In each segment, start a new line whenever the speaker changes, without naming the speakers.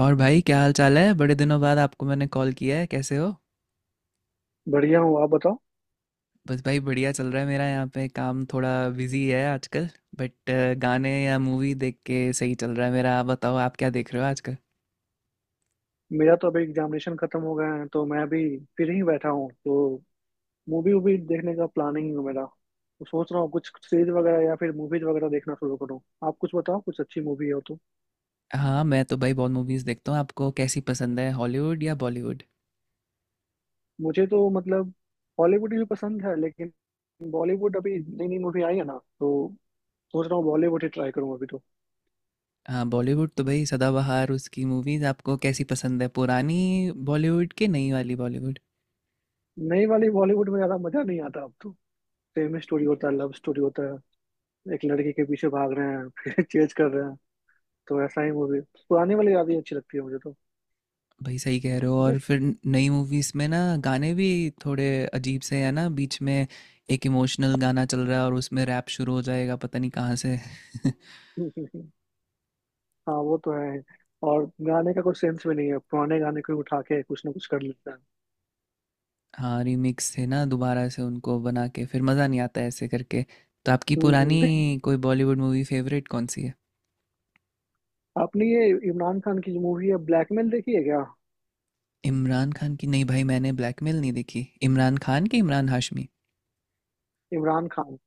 और भाई क्या हाल चाल है। बड़े दिनों बाद आपको मैंने कॉल किया है, कैसे हो?
बढ़िया हूँ। आप बताओ।
बस भाई बढ़िया चल रहा है मेरा। यहाँ पे काम थोड़ा बिजी है आजकल। बट गाने या मूवी देख के सही चल रहा है मेरा। आप बताओ, आप क्या देख रहे हो आजकल?
मेरा तो अभी एग्जामिनेशन खत्म हो गया है, तो मैं अभी फिर ही बैठा हूँ। तो मूवी वूवी देखने का प्लानिंग है मेरा। तो सोच रहा हूँ कुछ सीरीज वगैरह या फिर मूवीज वगैरह देखना शुरू करूँ। आप कुछ बताओ, कुछ अच्छी मूवी हो तो।
हाँ, मैं तो भाई बहुत मूवीज़ देखता हूँ। आपको कैसी पसंद है, हॉलीवुड या बॉलीवुड?
मुझे तो मतलब हॉलीवुड भी पसंद है, लेकिन बॉलीवुड अभी नई नई मूवी आई है ना, तो सोच रहा हूँ बॉलीवुड ही ट्राई करूँ अभी तो।
हाँ, बॉलीवुड तो भाई सदाबहार। उसकी मूवीज़ आपको कैसी पसंद है, पुरानी बॉलीवुड की नई वाली बॉलीवुड?
नई वाली बॉलीवुड में ज्यादा मजा नहीं आता अब तो। सेम स्टोरी होता है, लव स्टोरी होता है। एक लड़की के पीछे भाग रहे हैं फिर चेज कर रहे हैं। तो ऐसा ही मूवी। पुरानी वाली यादें अच्छी लगती है मुझे तो।
भाई सही कह रहे हो। और
बस।
फिर नई मूवीज में ना गाने भी थोड़े अजीब से है ना बीच में। एक इमोशनल गाना चल रहा है और उसमें रैप शुरू हो जाएगा पता नहीं कहाँ से।
हाँ, वो तो है। और गाने का कोई सेंस भी नहीं है। पुराने गाने को उठा के कुछ ना कुछ कर लेता है।
हाँ, रीमिक्स थे ना, दोबारा से उनको बना के फिर मज़ा नहीं आता ऐसे करके। तो आपकी
हम्म,
पुरानी कोई बॉलीवुड मूवी फेवरेट कौन सी है?
आपने ये इमरान खान की जो मूवी है ब्लैकमेल देखी है क्या?
इमरान खान की? नहीं भाई, मैंने ब्लैकमेल नहीं देखी। इमरान खान की? इमरान हाशमी?
इमरान खान।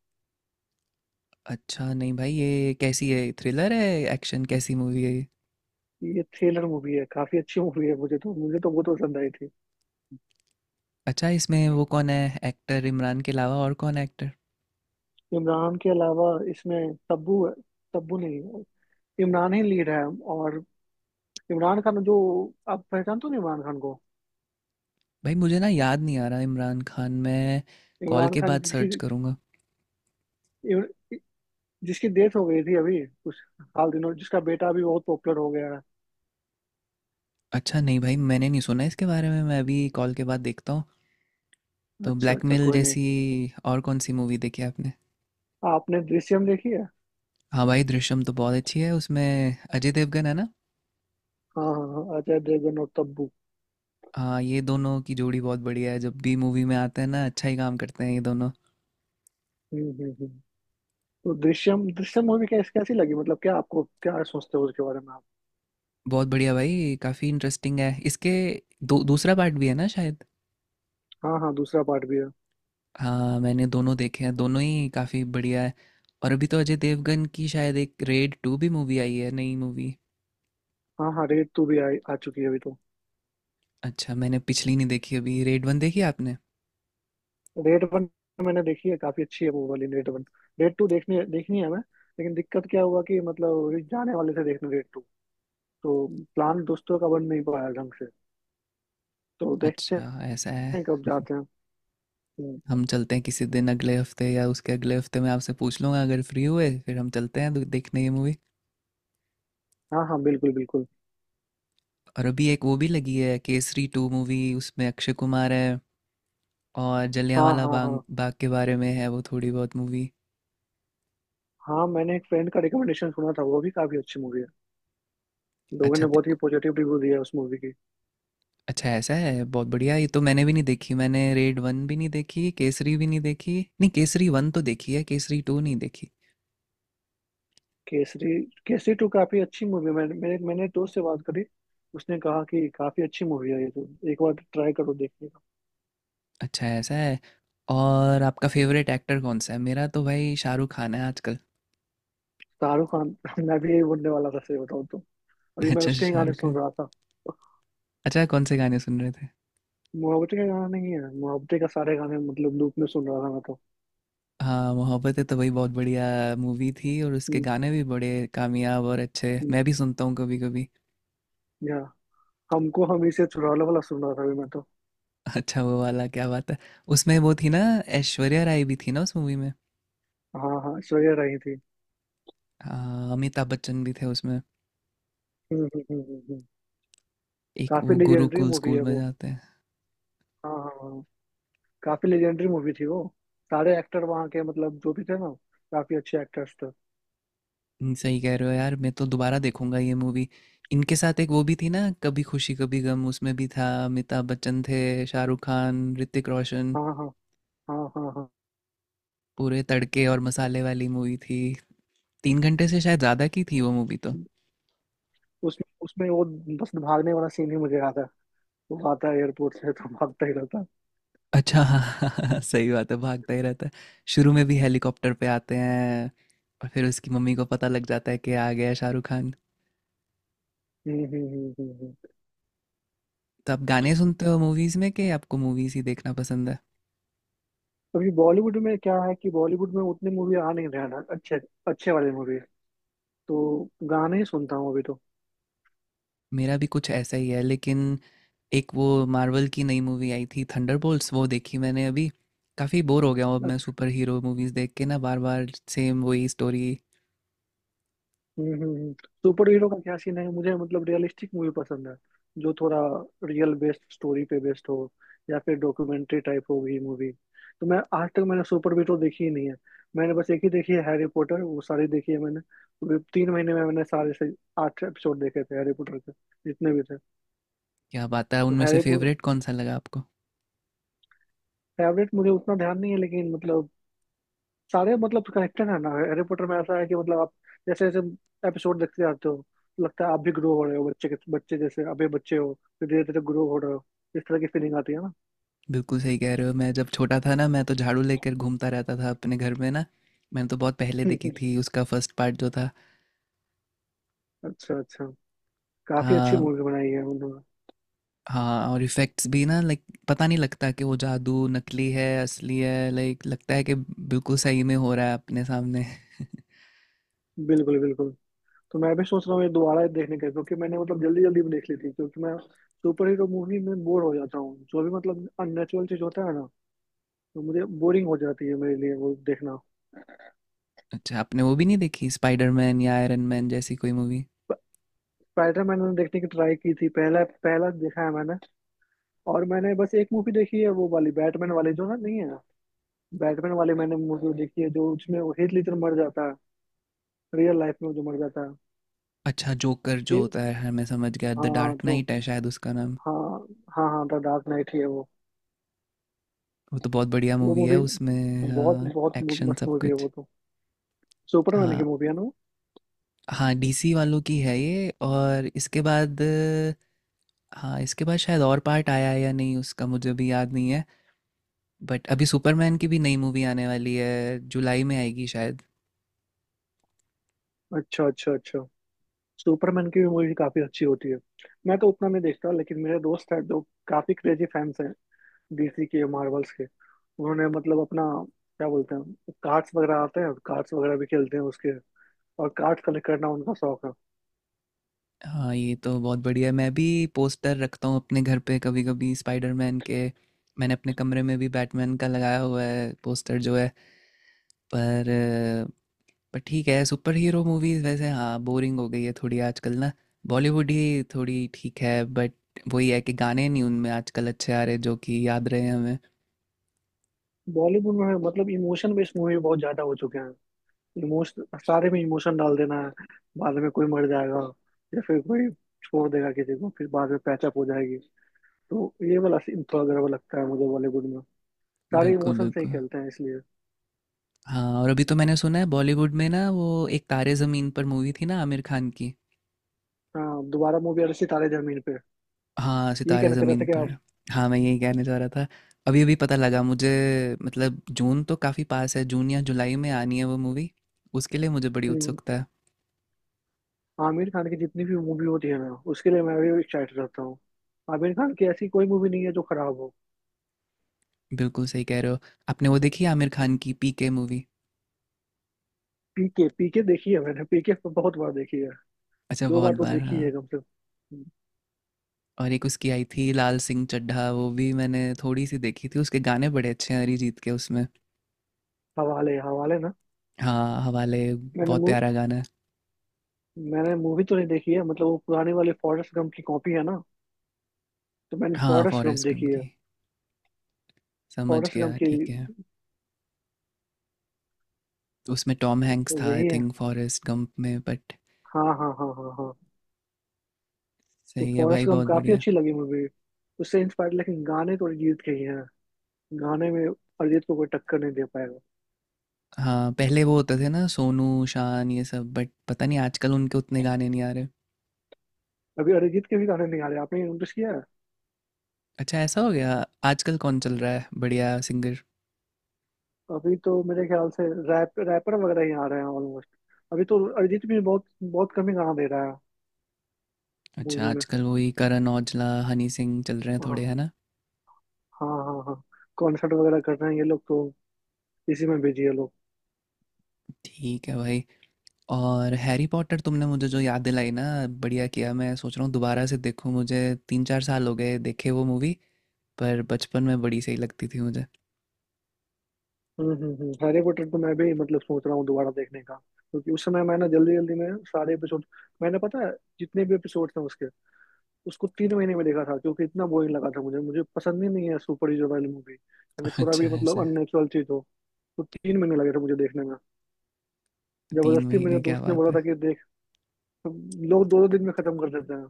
अच्छा, नहीं भाई, ये कैसी है, थ्रिलर है, एक्शन, कैसी मूवी है ये?
ये थ्रिलर मूवी है, काफी अच्छी मूवी है। मुझे तो बहुत पसंद आई थी।
अच्छा, इसमें वो कौन है एक्टर, इमरान के अलावा और कौन है एक्टर?
इमरान के अलावा इसमें तब्बू है। तब्बू नहीं, इमरान ही लीड है। और इमरान खान जो, आप पहचानते हो ना इमरान खान को?
भाई मुझे ना याद नहीं आ रहा। इमरान खान मैं कॉल
इमरान
के
खान
बाद
जिसकी
सर्च करूँगा।
जिसकी डेथ हो गई थी अभी कुछ हाल दिनों, जिसका बेटा अभी बहुत पॉपुलर हो गया है।
अच्छा, नहीं भाई, मैंने नहीं सुना इसके बारे में। मैं अभी कॉल के बाद देखता हूँ। तो
अच्छा अच्छा,
ब्लैकमेल
कोई नहीं।
जैसी और कौन सी मूवी देखी आपने?
हाँ, आपने दृश्यम देखी है?
हाँ भाई, दृश्यम तो बहुत अच्छी है। उसमें अजय देवगन है ना।
हाँ हाँ हाँ, अजय देवगन और तब्बू।
हाँ, ये दोनों की जोड़ी बहुत बढ़िया है। जब भी मूवी में आते हैं ना अच्छा ही काम करते हैं ये दोनों।
हम्म हम्म हम्म। तो दृश्यम दृश्यम मूवी कैसी कैसी लगी, मतलब क्या आपको क्या सोचते हो उसके बारे में आप?
बहुत बढ़िया भाई, काफ़ी इंटरेस्टिंग है इसके। दो दूसरा पार्ट भी है ना शायद।
हाँ हाँ, दूसरा पार्ट भी है।
हाँ, मैंने दोनों देखे हैं, दोनों ही काफ़ी बढ़िया है। और अभी तो अजय देवगन की शायद एक रेड टू भी मूवी आई है, नई मूवी।
हाँ हाँ, रेड टू भी आ चुकी है अभी तो।
अच्छा, मैंने पिछली नहीं देखी। अभी रेड वन देखी आपने?
रेड वन मैंने देखी है, काफी अच्छी है वो वाली रेड वन। रेड टू देखनी देखनी है मैं। लेकिन दिक्कत क्या हुआ कि मतलब अभी जाने वाले थे देखने रेड टू, तो प्लान दोस्तों का बन नहीं पाया ढंग से, तो देखते
अच्छा, ऐसा है।
हैं कब जाते हैं। हम्म।
हम चलते हैं किसी दिन, अगले हफ्ते या उसके अगले हफ्ते मैं आपसे पूछ लूँगा अगर फ्री हुए, फिर हम चलते हैं देखने ये मूवी।
हाँ हाँ, बिल्कुल बिल्कुल।
और अभी एक वो भी लगी है केसरी टू मूवी, उसमें अक्षय कुमार है। और
हाँ
जलियांवाला
हाँ
बाग
हाँ
बाग के बारे में है वो थोड़ी बहुत मूवी।
हाँ। मैंने एक फ्रेंड का रिकमेंडेशन सुना था, वो भी काफी अच्छी मूवी है। लोगों
अच्छा
ने बहुत ही पॉजिटिव रिव्यू दिया है उस मूवी की।
अच्छा, ऐसा है, बहुत बढ़िया। ये तो मैंने भी नहीं देखी। मैंने रेड वन भी नहीं देखी, केसरी भी नहीं देखी। नहीं, केसरी वन तो देखी है, केसरी टू नहीं देखी।
केसरी। केसरी टू काफी अच्छी मूवी है। मैंने मैंने मैंने एक दोस्त से बात करी। उसने कहा कि काफी अच्छी मूवी है ये तो। एक बार ट्राई करो देखने का।
अच्छा, ऐसा है। और आपका फेवरेट एक्टर कौन सा है? मेरा तो भाई शाहरुख खान है आजकल।
शाहरुख खान। मैं भी यही बोलने वाला था, सही बताऊँ तो। अभी मैं
अच्छा,
उसके ही गाने
शाहरुख
सुन
खान।
रहा था।
अच्छा, कौन से गाने सुन रहे थे?
मुहब्बतें का गाना नहीं है, मुहब्बतें का सारे गाने मतलब लूप में सुन रहा था मैं तो।
हाँ, मोहब्बतें तो भाई बहुत बढ़िया मूवी थी। और उसके
हम्म,
गाने भी बड़े कामयाब और अच्छे,
हम्म।
मैं भी सुनता हूँ कभी कभी।
या हमको हम इसे चुरा लो वाला सुन रहा था अभी मैं तो।
अच्छा, वो वाला? क्या बात है। उसमें वो थी ना, ऐश्वर्या राय भी थी ना उस मूवी में।
हाँ हाँ, श्रेया रही थी।
हाँ, अमिताभ बच्चन भी थे उसमें।
हम्म,
एक
काफी
वो
लेजेंडरी
गुरुकुल
मूवी
स्कूल
है
में
वो।
जाते हैं।
हाँ हाँ हाँ, काफी लेजेंडरी मूवी थी वो। सारे एक्टर वहाँ के मतलब जो भी थे ना, काफी अच्छे एक्टर्स थे।
सही कह रहे हो यार। मैं तो दोबारा देखूंगा ये मूवी। इनके साथ एक वो भी थी ना कभी खुशी कभी गम, उसमें भी था, अमिताभ बच्चन थे, शाहरुख खान, ऋतिक रोशन।
हाँ हाँ हाँ हाँ हाँ।
पूरे तड़के और मसाले वाली मूवी थी। 3 घंटे से शायद ज़्यादा की थी वो मूवी तो।
उसमें उसमें वो बस भागने वाला सीन ही मुझे याद है। वो आता है एयरपोर्ट से तो भागता ही रहता है।
अच्छा हाँ हाँ, हाँ, सही बात है, भागता ही रहता है। शुरू में भी हेलीकॉप्टर पे आते हैं, और फिर उसकी मम्मी को पता लग जाता है कि आ गया शाहरुख खान।
हम्म हम्म हम्म हम्म, हम्म।
तो आप गाने सुनते हो मूवीज़ में, कि आपको मूवीज़ ही देखना पसंद है?
अभी बॉलीवुड में क्या है कि बॉलीवुड में उतनी मूवी आ नहीं रहा ना अच्छे, अच्छे वाले मूवी। तो गाने ही सुनता हूँ अभी तो।
मेरा भी कुछ ऐसा ही है। लेकिन एक वो मार्वल की नई मूवी आई थी थंडरबोल्ट्स, वो देखी मैंने अभी। काफ़ी बोर हो गया हूँ अब मैं सुपर हीरो मूवीज़ देख के ना, बार बार सेम वही स्टोरी।
हम्म हम्म, हम्म। सुपर हीरो का क्या सीन है? मुझे मतलब रियलिस्टिक मूवी पसंद है, जो थोड़ा रियल बेस्ड स्टोरी पे बेस्ड हो, या फिर डॉक्यूमेंट्री टाइप हो गई मूवी। तो मैं आज तक मैंने सुपर हीरो देखी ही नहीं है। मैंने बस एक ही देखी है हैरी पॉटर। वो सारी देखी है मैंने। तो भी 3 महीने में मैंने सारे से 8 एपिसोड देखे थे हैरी पॉटर के, जितने भी थे।
क्या बात है,
तो
उनमें से
हैरी पॉटर।
फेवरेट कौन सा लगा आपको?
फेवरेट मुझे उतना ध्यान नहीं है, लेकिन मतलब सारे मतलब कनेक्टेड है ना। हैरी पॉटर में ऐसा है कि मतलब आप जैसे जैसे एपिसोड देखते जाते हो, तो लगता है आप भी ग्रो हो रहे हो। बच्चे के बच्चे, जैसे अभी बच्चे हो, फिर धीरे धीरे ग्रो हो रहे हो। इस तरह की फीलिंग आती है ना।
बिल्कुल सही कह रहे हो। मैं जब छोटा था ना, मैं तो झाड़ू लेकर घूमता रहता था अपने घर में ना। मैंने तो बहुत पहले देखी थी उसका फर्स्ट पार्ट जो था।
अच्छा अच्छा। काफी
आ,
अच्छी मूवी बनाई है उन्होंने।
हाँ, और इफ़ेक्ट्स भी ना, लाइक पता नहीं लगता कि वो जादू नकली है असली है। लाइक लगता है कि बिल्कुल सही में हो रहा है अपने सामने।
बिल्कुल बिल्कुल। तो मैं भी सोच रहा हूँ ये दोबारा ही देखने का, क्योंकि मैंने मतलब जल्दी जल्दी में देख ली थी, क्योंकि मैं सुपर हीरो मूवी में बोर हो जाता हूँ। जो भी मतलब अननेचुरल चीज होता है ना, तो मुझे बोरिंग हो जाती है, मेरे लिए वो देखना।
अच्छा, आपने वो भी नहीं देखी स्पाइडरमैन या आयरन मैन जैसी कोई मूवी?
स्पाइडर मैंने देखने की ट्राई की थी, पहला पहला देखा है मैंने। और मैंने बस एक मूवी देखी है वो वाली बैटमैन वाली, जो ना नहीं है बैटमैन वाली। मैंने मूवी देखी है जो, उसमें वो हीथ ledger मर जाता है, रियल लाइफ में जो मर जाता है।
अच्छा, जोकर जो
हे-
होता है, हाँ मैं समझ गया,
हाँ
द
हाँ,
डार्क
जो।
नाइट है शायद उसका नाम।
हाँ हाँ हाँ, द डार्क नाइट ही है वो।
वो तो बहुत बढ़िया
वो
मूवी है।
मूवी
उसमें
बहुत
हाँ,
बहुत
एक्शन
मस्त
सब
मूवी है
कुछ।
वो तो। सुपरमैन
हाँ,
की मूवी है ना वो?
हाँ डीसी वालों की है ये, और इसके बाद हाँ, इसके बाद शायद और पार्ट आया है या नहीं, उसका मुझे भी याद नहीं है। बट अभी सुपरमैन की भी नई मूवी आने वाली है, जुलाई में आएगी शायद।
अच्छा अच्छा अच्छा। सुपरमैन की भी मूवी काफी अच्छी होती है। मैं तो उतना नहीं देखता, लेकिन मेरे दोस्त हैं जो काफी क्रेजी फैंस हैं डीसी के मार्वल्स के। उन्होंने मतलब अपना क्या बोलते हैं, कार्ड्स वगैरह आते हैं, कार्ड्स वगैरह भी खेलते हैं उसके। और कार्ड कलेक्ट करना उनका शौक है।
हाँ, ये तो बहुत बढ़िया। मैं भी पोस्टर रखता हूँ अपने घर पे कभी कभी स्पाइडरमैन के। मैंने अपने कमरे में भी बैटमैन का लगाया हुआ है पोस्टर जो है। पर अ, पर ठीक है, सुपर हीरो मूवीज वैसे हाँ बोरिंग हो गई है थोड़ी आजकल ना। बॉलीवुड ही थोड़ी ठीक है, बट वही है कि गाने नहीं उनमें आजकल अच्छे आ रहे जो कि याद रहे हमें।
बॉलीवुड में मतलब इमोशन बेस्ड मूवी बहुत ज्यादा हो चुके हैं। इमोशन सारे में इमोशन डाल देना है। बाद में कोई मर जाएगा, या फिर कोई छोड़ देगा किसी को, फिर बाद में पैचअप हो जाएगी। तो ये वाला सीन थोड़ा गड़बड़ लगता है मुझे बॉलीवुड में। सारे
बिल्कुल
इमोशन से ही
बिल्कुल।
खेलते हैं इसलिए।
हाँ, और अभी तो मैंने सुना है बॉलीवुड में ना वो एक तारे ज़मीन पर मूवी थी ना आमिर खान की।
हाँ, दोबारा मूवी आ रही थी तारे जमीन पे।
हाँ,
यही
सितारे
कहना चाह रहा
ज़मीन
था कि
पर।
आप।
हाँ, मैं यही कहने जा रहा था। अभी-अभी पता लगा मुझे। मतलब जून तो काफ़ी पास है, जून या जुलाई में आनी है वो मूवी। उसके लिए मुझे बड़ी
हम्म।
उत्सुकता है।
आमिर खान की जितनी भी मूवी होती है ना, उसके लिए मैं भी एक्साइटेड रहता हूँ। आमिर खान की ऐसी कोई मूवी नहीं है जो खराब हो।
बिल्कुल सही कह रहे हो। आपने वो देखी है आमिर खान की पीके मूवी?
पीके, पीके देखी है मैंने। पीके बहुत बार देखी है।
अच्छा,
दो
बहुत
बार तो
बार
देखी
हाँ।
है कम से कम।
और एक उसकी आई थी लाल सिंह चड्ढा, वो भी मैंने थोड़ी-सी देखी थी। उसके गाने बड़े अच्छे हैं अरिजीत के उसमें।
हवाले हवाले ना।
हाँ, हवाले
मैंने
बहुत
मूव
प्यारा गाना है।
मैंने मूवी तो नहीं देखी है, मतलब वो पुराने वाले फॉरेस्ट गम की कॉपी है ना। तो मैंने
हाँ,
फॉरेस्ट गम
फॉरेस्ट
देखी
गंप
है।
की। समझ
फॉरेस्ट गम
गया,
की।
ठीक है। उसमें टॉम हैंक्स
तो
था आई
यही है।
थिंक फॉरेस्ट गंप में। बट
हाँ हाँ हाँ हाँ हाँ। तो
सही है भाई,
फॉरेस्ट गम
बहुत
काफी
बढ़िया।
अच्छी लगी मूवी। उससे इंस्पायर, लेकिन गाने तो अरिजीत के ही हैं। गाने में अरिजीत को कोई टक्कर नहीं दे पाएगा।
हाँ, पहले वो होते थे ना सोनू, शान, ये सब, बट पता नहीं आजकल उनके उतने गाने नहीं आ रहे।
अभी अरिजीत के भी गाने नहीं आ रहे, आपने नोटिस किया है?
अच्छा, ऐसा हो गया? आजकल कौन चल रहा है बढ़िया सिंगर?
अभी तो मेरे ख्याल से रैप रैपर वगैरह ही आ रहे हैं ऑलमोस्ट। अभी तो अरिजीत भी बहुत बहुत कम ही गाना दे रहा है।
अच्छा,
मूवी में।
आजकल वही करण औजला, हनी सिंह चल रहे हैं
हाँ
थोड़े, है ना?
हाँ हाँ हाँ। कॉन्सर्ट वगैरह कर रहे हैं ये लोग तो। इसी में बिजी है लोग।
ठीक है भाई। और हैरी पॉटर तुमने मुझे जो याद दिलाई ना, बढ़िया किया। मैं सोच रहा हूँ दोबारा से देखूँ। मुझे 3 4 साल हो गए देखे वो मूवी। पर बचपन में बड़ी सही लगती थी मुझे।
हम्म। हैरी पॉटर तो मैं भी मतलब सोच रहा हूँ दोबारा देखने का, क्योंकि उस समय मैंने जल्दी जल्दी में सारे एपिसोड, मैंने पता है, जितने भी एपिसोड थे उसके, उसको 3 महीने में देखा था, क्योंकि इतना बोरिंग लगा था मुझे। मुझे पसंद ही नहीं है सुपर हीरो वाली मूवी। यानी थोड़ा
अच्छा,
भी मतलब
ऐसा?
अननेचुरल चीज हो, तो 3 महीने लगे थे मुझे देखने में।
तीन
जबरदस्ती मेरे
महीने क्या
दोस्त ने
बात
बोला
है।
था कि देख। तो लोग दो दो दिन में खत्म कर देते हैं।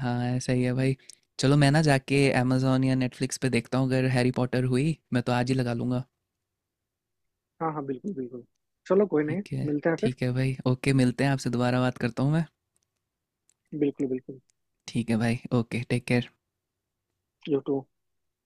हाँ, सही है भाई। चलो मैं ना जाके अमेजोन या नेटफ्लिक्स पे देखता हूँ, अगर हैरी पॉटर हुई मैं तो आज ही लगा लूँगा।
हाँ हाँ, बिल्कुल बिल्कुल। चलो, कोई नहीं।
ठीक है।
मिलते हैं फिर।
ठीक है भाई, ओके, मिलते हैं, आपसे दोबारा बात करता हूँ मैं।
बिल्कुल बिल्कुल।
ठीक है भाई, okay, take care.
You to.